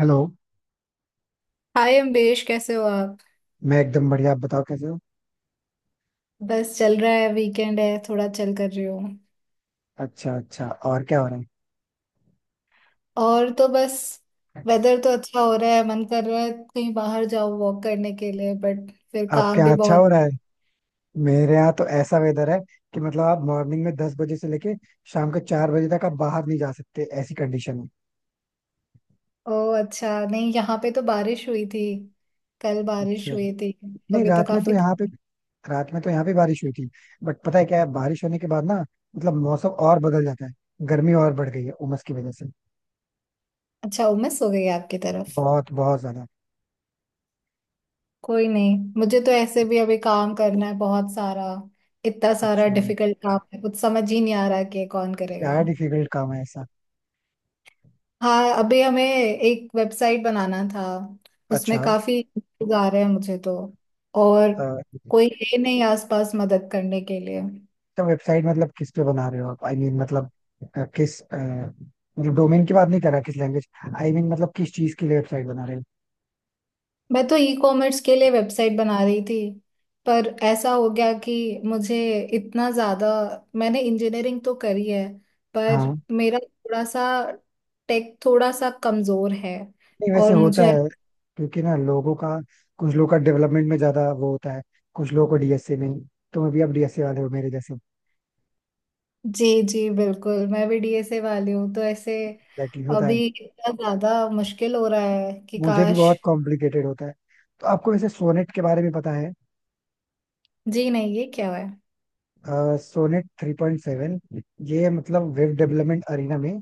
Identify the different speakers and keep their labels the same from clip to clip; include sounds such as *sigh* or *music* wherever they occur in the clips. Speaker 1: Hello.
Speaker 2: Hi Ambesh, कैसे हो आप।
Speaker 1: मैं एकदम बढ़िया, आप बताओ कैसे हो।
Speaker 2: बस चल रहा है, वीकेंड है, थोड़ा चल कर रही हूँ।
Speaker 1: अच्छा अच्छा, और क्या हो रहा है।
Speaker 2: और तो बस वेदर तो अच्छा हो रहा है, मन कर रहा है कहीं बाहर जाओ वॉक करने के लिए, बट फिर
Speaker 1: आपके
Speaker 2: काम
Speaker 1: यहाँ
Speaker 2: भी
Speaker 1: अच्छा
Speaker 2: बहुत।
Speaker 1: हो रहा है। मेरे यहाँ तो ऐसा वेदर है कि मतलब आप मॉर्निंग में 10 बजे से लेके शाम के 4 बजे तक आप बाहर नहीं जा सकते, ऐसी कंडीशन है।
Speaker 2: ओह अच्छा, नहीं यहाँ पे तो बारिश हुई थी, कल बारिश
Speaker 1: अच्छा।
Speaker 2: हुई थी।
Speaker 1: नहीं,
Speaker 2: अभी तो काफी।
Speaker 1: रात में तो यहाँ पे बारिश हुई थी। बट पता है क्या है, बारिश होने के बाद ना मतलब मौसम और बदल जाता है। गर्मी और बढ़ गई है उमस की वजह से।
Speaker 2: अच्छा, उमस हो गई है आपकी तरफ।
Speaker 1: बहुत बहुत ज्यादा।
Speaker 2: कोई नहीं, मुझे तो ऐसे भी अभी काम करना है बहुत सारा। इतना सारा
Speaker 1: अच्छा,
Speaker 2: डिफिकल्ट काम है, कुछ समझ ही नहीं आ रहा कि ये कौन करेगा।
Speaker 1: क्या डिफिकल्ट काम है ऐसा।
Speaker 2: हाँ अभी हमें एक वेबसाइट बनाना था, उसमें
Speaker 1: अच्छा।
Speaker 2: काफी issues आ रहे हैं मुझे तो। और कोई है नहीं आसपास मदद करने के लिए।
Speaker 1: तो वेबसाइट मतलब किस पे बना रहे हो आप? आई I मीन mean, मतलब अ, किस अ, मतलब डोमेन की बात नहीं कर रहा, किस लैंग्वेज, मतलब किस चीज के लिए वेबसाइट बना रहे हो?
Speaker 2: मैं तो ई कॉमर्स के लिए वेबसाइट बना रही थी, पर ऐसा हो गया कि मुझे इतना ज्यादा। मैंने इंजीनियरिंग तो करी है पर
Speaker 1: हाँ।
Speaker 2: मेरा थोड़ा सा टेक थोड़ा सा कमजोर है।
Speaker 1: नहीं वैसे
Speaker 2: और
Speaker 1: होता
Speaker 2: मुझे,
Speaker 1: है। क्योंकि ना लोगों का, कुछ लोगों का डेवलपमेंट में ज्यादा वो होता है, कुछ लोगों को डीएसए में। तुम्हें भी, आप डीएसए वाले हो मेरे जैसे?
Speaker 2: जी जी बिल्कुल, मैं भी डीएसए वाली हूँ, तो ऐसे
Speaker 1: एग्जैक्टली होता
Speaker 2: अभी
Speaker 1: है।
Speaker 2: इतना ज्यादा मुश्किल हो रहा है कि
Speaker 1: मुझे भी
Speaker 2: काश।
Speaker 1: बहुत कॉम्प्लिकेटेड होता है। तो आपको वैसे सोनेट के बारे में पता है?
Speaker 2: जी नहीं, ये क्या है।
Speaker 1: सोनेट 3.7। ये मतलब वेब डेवलपमेंट अरीना में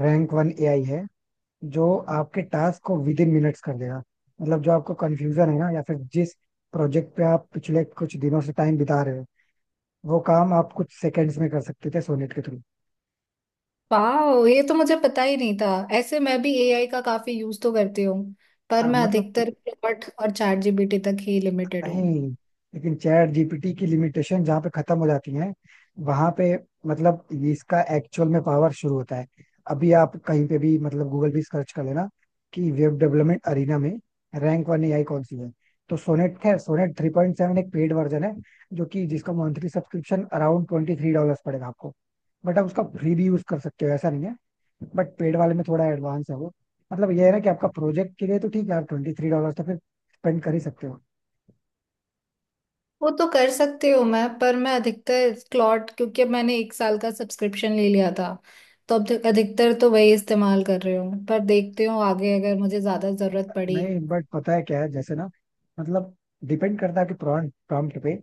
Speaker 1: रैंक 1 एआई है। जो आपके टास्क को विद इन मिनट्स कर देगा। मतलब जो आपको कंफ्यूजन है ना, या फिर जिस प्रोजेक्ट पे आप पिछले कुछ दिनों से टाइम बिता रहे हो, वो काम आप कुछ सेकंड्स में कर सकते थे सोनेट के थ्रू।
Speaker 2: वाओ, ये तो मुझे पता ही नहीं था। ऐसे मैं भी एआई का काफी यूज तो करती हूँ, पर
Speaker 1: हाँ
Speaker 2: मैं
Speaker 1: मतलब
Speaker 2: अधिकतर क्लॉट और चैट जीपीटी तक ही लिमिटेड
Speaker 1: नहीं,
Speaker 2: हूँ।
Speaker 1: लेकिन चैट जीपीटी की लिमिटेशन जहाँ पे खत्म हो जाती है, वहां पे मतलब ये, इसका एक्चुअल में पावर शुरू होता है। अभी आप कहीं पे भी मतलब गूगल भी सर्च कर लेना कि वेब डेवलपमेंट अरीना में रैंक वन एआई कौन सी है, तो सोनेट है। सोनेट थ्री पॉइंट सेवन एक पेड वर्जन है, जो कि जिसका मंथली सब्सक्रिप्शन अराउंड $23 पड़ेगा आपको। बट आप उसका फ्री भी यूज कर सकते हो, ऐसा नहीं है। बट पेड वाले में थोड़ा एडवांस है वो। मतलब ये है ना कि आपका प्रोजेक्ट के लिए तो ठीक है, आप $23 तो फिर स्पेंड कर ही सकते हो।
Speaker 2: वो तो कर सकती हूँ मैं, पर मैं अधिकतर क्लॉट, क्योंकि अब मैंने एक साल का सब्सक्रिप्शन ले लिया था, तो अब अधिकतर तो वही इस्तेमाल कर रही हूँ। पर देखती हूँ आगे अगर मुझे ज्यादा जरूरत पड़ी।
Speaker 1: नहीं बट पता है क्या है, जैसे ना मतलब डिपेंड करता है कि प्रॉम्प्ट प्रॉम्प्ट पे।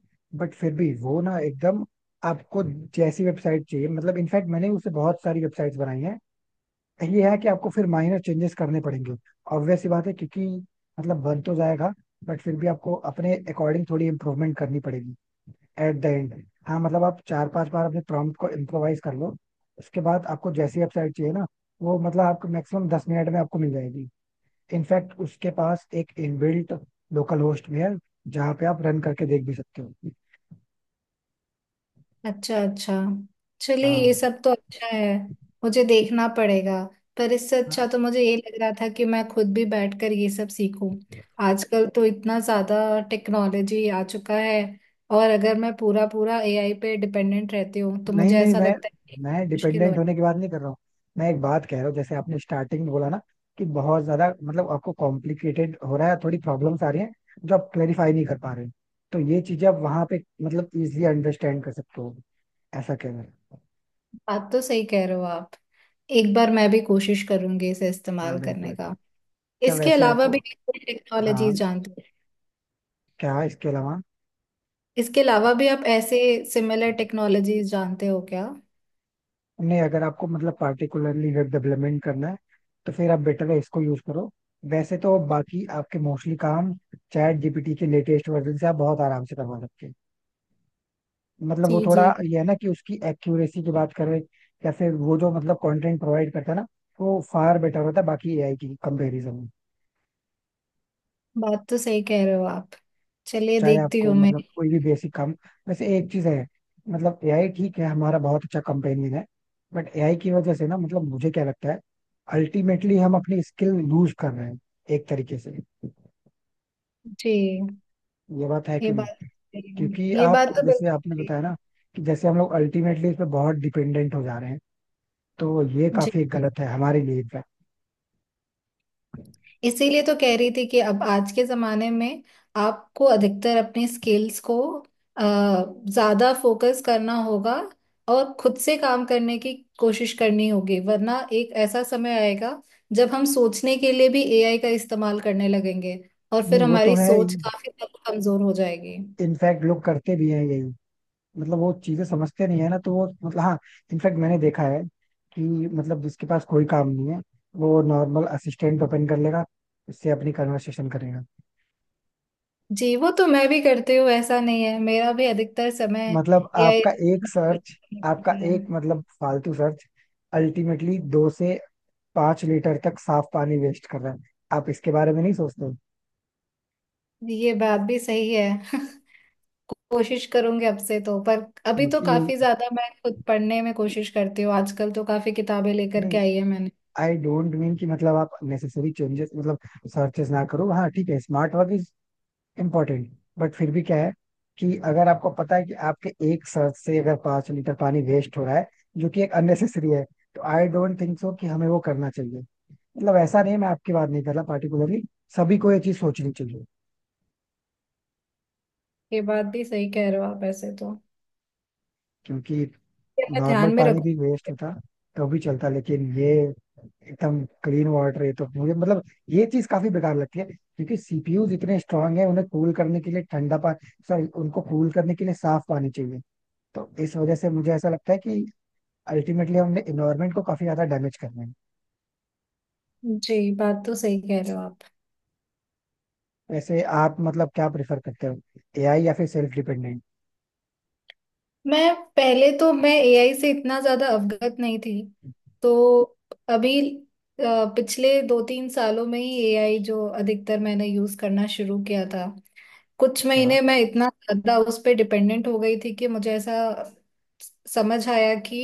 Speaker 1: बट फिर भी वो ना एकदम आपको जैसी वेबसाइट चाहिए, मतलब इनफैक्ट मैंने उससे बहुत सारी वेबसाइट्स बनाई हैं। ये है कि आपको फिर माइनर चेंजेस करने पड़ेंगे, ऑब्वियस सी बात है, क्योंकि मतलब बन तो जाएगा, बट फिर भी आपको अपने अकॉर्डिंग थोड़ी इम्प्रूवमेंट करनी पड़ेगी एट द एंड। हाँ मतलब आप 4-5 बार अपने प्रॉम्प्ट को इम्प्रोवाइज कर लो, उसके बाद आपको जैसी वेबसाइट चाहिए ना, वो मतलब आपको मैक्सिमम 10 मिनट में आपको मिल जाएगी। इनफैक्ट उसके पास एक इनबिल्ट लोकल होस्ट भी है, जहाँ पे आप रन करके देख भी सकते हो।
Speaker 2: अच्छा अच्छा, चलिए
Speaker 1: हाँ।
Speaker 2: ये सब तो अच्छा है। मुझे देखना पड़ेगा। पर इससे
Speaker 1: हाँ,
Speaker 2: अच्छा तो मुझे ये लग रहा था कि मैं खुद भी बैठकर ये सब सीखूं। आजकल तो इतना ज़्यादा टेक्नोलॉजी आ चुका है, और अगर मैं पूरा पूरा एआई पे डिपेंडेंट रहती हूँ तो
Speaker 1: नहीं
Speaker 2: मुझे
Speaker 1: नहीं,
Speaker 2: ऐसा
Speaker 1: मैं
Speaker 2: लगता है कि
Speaker 1: मैं
Speaker 2: मुश्किल हो।
Speaker 1: डिपेंडेंट होने की बात नहीं कर रहा हूँ। मैं एक बात कह रहा हूँ, जैसे आपने स्टार्टिंग में बोला ना, कि बहुत ज्यादा मतलब आपको कॉम्प्लिकेटेड हो रहा है, थोड़ी प्रॉब्लम्स आ रही हैं जो आप क्लेरिफाई नहीं कर पा रहे हो। तो ये चीजें आप वहां पे मतलब इजिली अंडरस्टैंड कर सकते हो, ऐसा कहना है।
Speaker 2: बात तो सही कह रहे हो आप। एक बार मैं भी कोशिश करूंगी इसे इस्तेमाल
Speaker 1: हाँ बिल्कुल।
Speaker 2: करने का।
Speaker 1: अच्छा
Speaker 2: इसके
Speaker 1: वैसे
Speaker 2: अलावा
Speaker 1: आपको,
Speaker 2: भी टेक्नोलॉजी
Speaker 1: हाँ,
Speaker 2: जानते हो।
Speaker 1: क्या इसके अलावा,
Speaker 2: इसके अलावा भी आप ऐसे सिमिलर टेक्नोलॉजीज जानते हो क्या।
Speaker 1: नहीं अगर आपको मतलब पार्टिकुलरली वेब डेवलपमेंट करना है, तो फिर आप बेटर है इसको यूज करो। वैसे तो बाकी आपके मोस्टली काम चैट जीपीटी के लेटेस्ट वर्जन से आप बहुत आराम से करवा सकते हैं। मतलब वो
Speaker 2: जी
Speaker 1: थोड़ा
Speaker 2: जी।
Speaker 1: ये है ना कि उसकी एक्यूरेसी की बात करें, या फिर वो जो मतलब कंटेंट प्रोवाइड करता है ना, वो फार बेटर होता है बाकी एआई की कंपेरिजन।
Speaker 2: बात तो सही कह रहे हो आप। चलिए
Speaker 1: चाहे
Speaker 2: देखती
Speaker 1: आपको
Speaker 2: हूँ मैं।
Speaker 1: मतलब कोई भी बेसिक काम, वैसे एक चीज है, मतलब एआई ठीक है, हमारा बहुत अच्छा कंपेनियन है, बट एआई की वजह से ना मतलब मुझे क्या लगता है अल्टीमेटली हम अपनी स्किल लूज कर रहे हैं एक तरीके से।
Speaker 2: जी।
Speaker 1: ये बात है
Speaker 2: ये
Speaker 1: कि
Speaker 2: बात तो
Speaker 1: नहीं?
Speaker 2: सही है।
Speaker 1: क्योंकि
Speaker 2: ये बात
Speaker 1: आप
Speaker 2: तो
Speaker 1: जैसे
Speaker 2: बिल्कुल
Speaker 1: आपने
Speaker 2: सही
Speaker 1: बताया
Speaker 2: है।
Speaker 1: ना, कि जैसे हम लोग अल्टीमेटली इस पे बहुत डिपेंडेंट हो जा रहे हैं, तो ये
Speaker 2: जी।
Speaker 1: काफी गलत है हमारे लिए इनफैक्ट।
Speaker 2: इसीलिए तो कह रही थी कि अब आज के जमाने में आपको अधिकतर अपने स्किल्स को अ, ज्यादा फोकस करना होगा, और खुद से काम करने की कोशिश करनी होगी, वरना एक ऐसा समय आएगा जब हम सोचने के लिए भी एआई का इस्तेमाल करने लगेंगे, और
Speaker 1: नहीं
Speaker 2: फिर
Speaker 1: वो तो
Speaker 2: हमारी
Speaker 1: है,
Speaker 2: सोच काफी हद तक कमजोर हो जाएगी।
Speaker 1: इनफैक्ट लोग करते भी हैं यही। मतलब वो चीजें समझते नहीं है ना, तो वो मतलब हाँ इनफैक्ट मैंने देखा है कि मतलब जिसके पास कोई काम नहीं है, वो नॉर्मल असिस्टेंट ओपन कर लेगा, उससे अपनी कन्वर्सेशन करेगा।
Speaker 2: जी वो तो मैं भी करती हूँ, ऐसा नहीं है, मेरा भी अधिकतर समय
Speaker 1: मतलब
Speaker 2: या
Speaker 1: आपका एक सर्च, आपका एक मतलब फालतू सर्च अल्टीमेटली 2 से 5 लीटर तक साफ पानी वेस्ट कर रहा है, आप इसके बारे में नहीं सोचते।
Speaker 2: ये *laughs* बात भी सही है। *laughs* कोशिश करूंगी अब से तो, पर अभी तो
Speaker 1: क्योंकि ये,
Speaker 2: काफी ज्यादा मैं खुद पढ़ने में कोशिश करती हूँ। आजकल तो काफी किताबें लेकर के
Speaker 1: नहीं
Speaker 2: आई है मैंने।
Speaker 1: आई डोंट मीन कि मतलब आप नेसेसरी चेंजेस मतलब सर्चेस ना करो, हाँ ठीक है, स्मार्ट वर्क इम्पोर्टेंट, बट फिर भी क्या है कि अगर आपको पता है कि आपके एक सांस से अगर 5 लीटर पानी वेस्ट हो रहा है, जो कि एक अननेसेसरी है, तो आई डोंट थिंक सो कि हमें वो करना चाहिए। मतलब ऐसा नहीं, मैं आपकी बात नहीं कर रहा पार्टिकुलरली, सभी को ये चीज सोचनी चाहिए।
Speaker 2: ये बात भी सही कह रहे हो आप, ऐसे तो
Speaker 1: क्योंकि
Speaker 2: ये मैं
Speaker 1: नॉर्मल
Speaker 2: ध्यान में
Speaker 1: पानी भी वेस्ट
Speaker 2: रखूंगी।
Speaker 1: होता तो भी चलता, लेकिन ये एकदम क्लीन वाटर है, तो मुझे मतलब ये चीज काफी बेकार लगती है, क्योंकि सीपीयू इतने स्ट्रांग है, उन्हें कूल करने के लिए ठंडा पानी, सॉरी उनको कूल करने के लिए साफ पानी चाहिए। तो इस वजह से मुझे ऐसा लगता है कि अल्टीमेटली हमने इन्वायरमेंट को काफी ज्यादा डैमेज करना है।
Speaker 2: जी, बात तो सही कह रहे हो आप।
Speaker 1: वैसे आप मतलब क्या प्रेफर करते हो, एआई या फिर सेल्फ डिपेंडेंट?
Speaker 2: मैं पहले, तो मैं एआई से इतना ज्यादा अवगत नहीं थी, तो अभी अ, पिछले दो तीन सालों में ही एआई जो अधिकतर मैंने यूज करना शुरू किया था। कुछ
Speaker 1: अच्छा।
Speaker 2: महीने मैं इतना ज्यादा उस पे डिपेंडेंट हो गई थी कि मुझे ऐसा समझ आया कि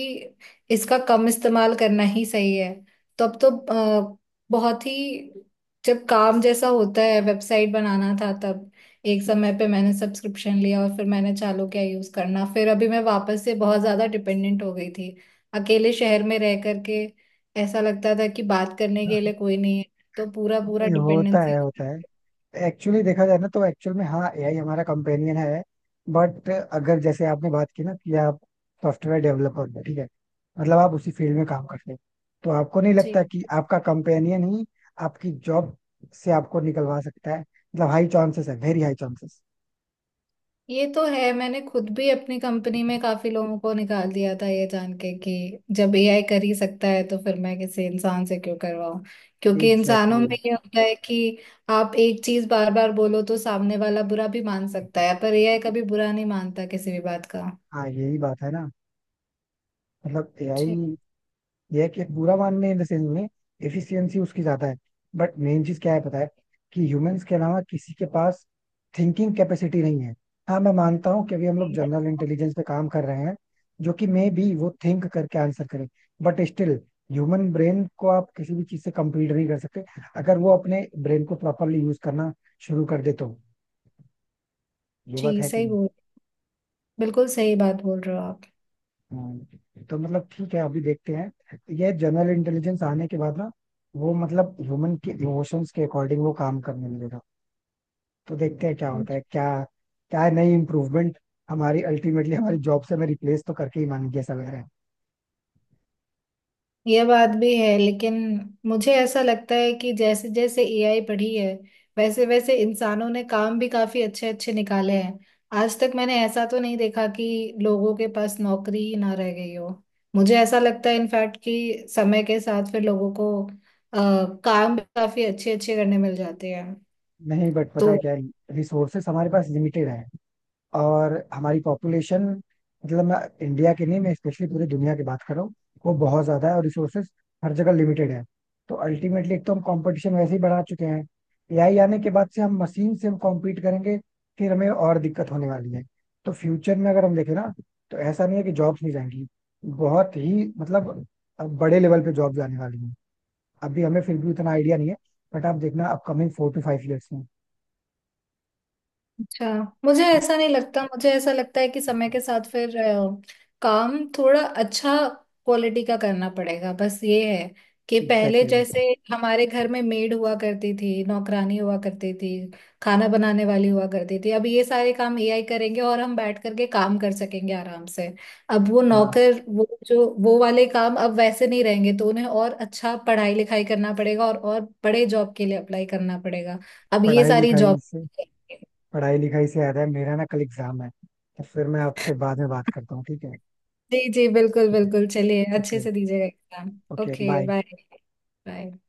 Speaker 2: इसका कम इस्तेमाल करना ही सही है। तो अब तो अ, बहुत ही, जब काम जैसा होता है वेबसाइट बनाना था तब एक समय पे मैंने सब्सक्रिप्शन लिया और फिर मैंने चालू किया यूज करना, फिर अभी मैं वापस से बहुत ज्यादा डिपेंडेंट हो गई थी। अकेले शहर में रह करके ऐसा लगता था कि बात करने के लिए
Speaker 1: *laughs*
Speaker 2: कोई नहीं है, तो पूरा पूरा
Speaker 1: नहीं होता
Speaker 2: डिपेंडेंसी।
Speaker 1: है होता है। एक्चुअली देखा जाए ना, तो एक्चुअल में हाँ एआई हमारा कंपेनियन है, बट अगर जैसे आपने बात की ना कि आप सॉफ्टवेयर डेवलपर हो ठीक है, मतलब आप उसी फील्ड में काम करते हैं, तो आपको नहीं लगता कि आपका कंपेनियन ही आपकी जॉब से आपको निकलवा सकता है? मतलब हाई चांसेस है, वेरी हाई चांसेस।
Speaker 2: ये तो है, मैंने खुद भी अपनी कंपनी में काफी लोगों को निकाल दिया था, ये जान के कि जब एआई कर ही सकता है तो फिर मैं किसी इंसान से क्यों करवाऊं। क्योंकि इंसानों
Speaker 1: एग्जैक्टली।
Speaker 2: में ये होता है कि आप एक चीज बार बार बोलो तो सामने वाला बुरा भी मान सकता है, पर एआई कभी बुरा नहीं मानता किसी भी बात का।
Speaker 1: हाँ यही बात है ना, मतलब
Speaker 2: जी
Speaker 1: एआई, यह है कि एक बुरा मानने इन द सेंस में एफिशिएंसी उसकी ज्यादा है, बट मेन चीज क्या है पता है, कि ह्यूमंस के अलावा किसी के पास थिंकिंग कैपेसिटी नहीं है। हाँ मैं मानता हूँ कि अभी हम लोग जनरल इंटेलिजेंस पे काम कर रहे हैं, जो कि मे बी वो थिंक करके आंसर करे, बट स्टिल ह्यूमन ब्रेन को आप किसी भी चीज से कंपीट नहीं कर सकते, अगर वो अपने ब्रेन को प्रॉपरली यूज करना शुरू कर दे तो। ये बात
Speaker 2: जी,
Speaker 1: है कि
Speaker 2: सही बोल, बिल्कुल सही बात बोल रहे हो
Speaker 1: हाँ, तो मतलब ठीक है, अभी देखते हैं, ये जनरल इंटेलिजेंस आने के बाद ना वो मतलब ह्यूमन के इमोशंस के अकॉर्डिंग वो काम करने लगेगा, तो देखते हैं क्या
Speaker 2: आप।
Speaker 1: होता है, क्या क्या नई इम्प्रूवमेंट। हमारी अल्टीमेटली हमारी जॉब से हमें रिप्लेस तो करके ही मानेंगे, ऐसा लग रहा है।
Speaker 2: ये बात भी है, लेकिन मुझे ऐसा लगता है कि जैसे जैसे एआई बढ़ी है, वैसे वैसे इंसानों ने काम भी काफी अच्छे अच्छे निकाले हैं। आज तक मैंने ऐसा तो नहीं देखा कि लोगों के पास नौकरी ही ना रह गई हो। मुझे ऐसा लगता है इनफैक्ट कि समय के साथ फिर लोगों को अ, काम भी काफी अच्छे अच्छे करने मिल जाते हैं
Speaker 1: नहीं बट
Speaker 2: तो।
Speaker 1: पता है क्या, रिसोर्सेस हमारे पास लिमिटेड है, और हमारी पॉपुलेशन, मतलब मैं इंडिया की नहीं, मैं स्पेशली पूरी दुनिया की बात कर रहा हूँ, वो बहुत ज्यादा है, और रिसोर्सेज हर जगह लिमिटेड है। तो अल्टीमेटली एक तो हम कंपटीशन वैसे ही बढ़ा चुके हैं, एआई आने के बाद से हम मशीन से हम कॉम्पीट करेंगे, फिर हमें और दिक्कत होने वाली है। तो फ्यूचर में अगर हम देखें ना, तो ऐसा नहीं है कि जॉब्स नहीं जाएंगी, बहुत ही मतलब बड़े लेवल पे जॉब जाने वाली है। अभी हमें फिर भी उतना आइडिया नहीं है, बट आप देखना अपकमिंग 4 to 5 ईयर्स में।
Speaker 2: अच्छा, मुझे ऐसा नहीं लगता, मुझे ऐसा लगता है कि समय के साथ फिर काम थोड़ा अच्छा क्वालिटी का करना पड़ेगा। बस ये है कि पहले
Speaker 1: एग्जैक्टली exactly.
Speaker 2: जैसे हमारे घर में मेड हुआ करती थी, नौकरानी हुआ करती थी, खाना बनाने वाली हुआ करती थी, अब ये सारे काम एआई करेंगे और हम बैठ करके काम कर सकेंगे आराम से। अब वो
Speaker 1: हाँ।
Speaker 2: नौकर, वो जो वो वाले काम अब वैसे नहीं रहेंगे, तो उन्हें और अच्छा पढ़ाई लिखाई करना पड़ेगा और बड़े जॉब के लिए अप्लाई करना पड़ेगा। अब ये
Speaker 1: पढ़ाई
Speaker 2: सारी
Speaker 1: लिखाई
Speaker 2: जॉब।
Speaker 1: से पढ़ाई लिखाई से याद है, मेरा ना कल एग्जाम है, तो फिर मैं आपसे बाद में बात करता हूँ, ठीक है?
Speaker 2: जी जी बिल्कुल बिल्कुल, चलिए अच्छे
Speaker 1: ओके।
Speaker 2: से दीजिएगा exam.
Speaker 1: Okay
Speaker 2: okay
Speaker 1: bye.
Speaker 2: Bye. Bye.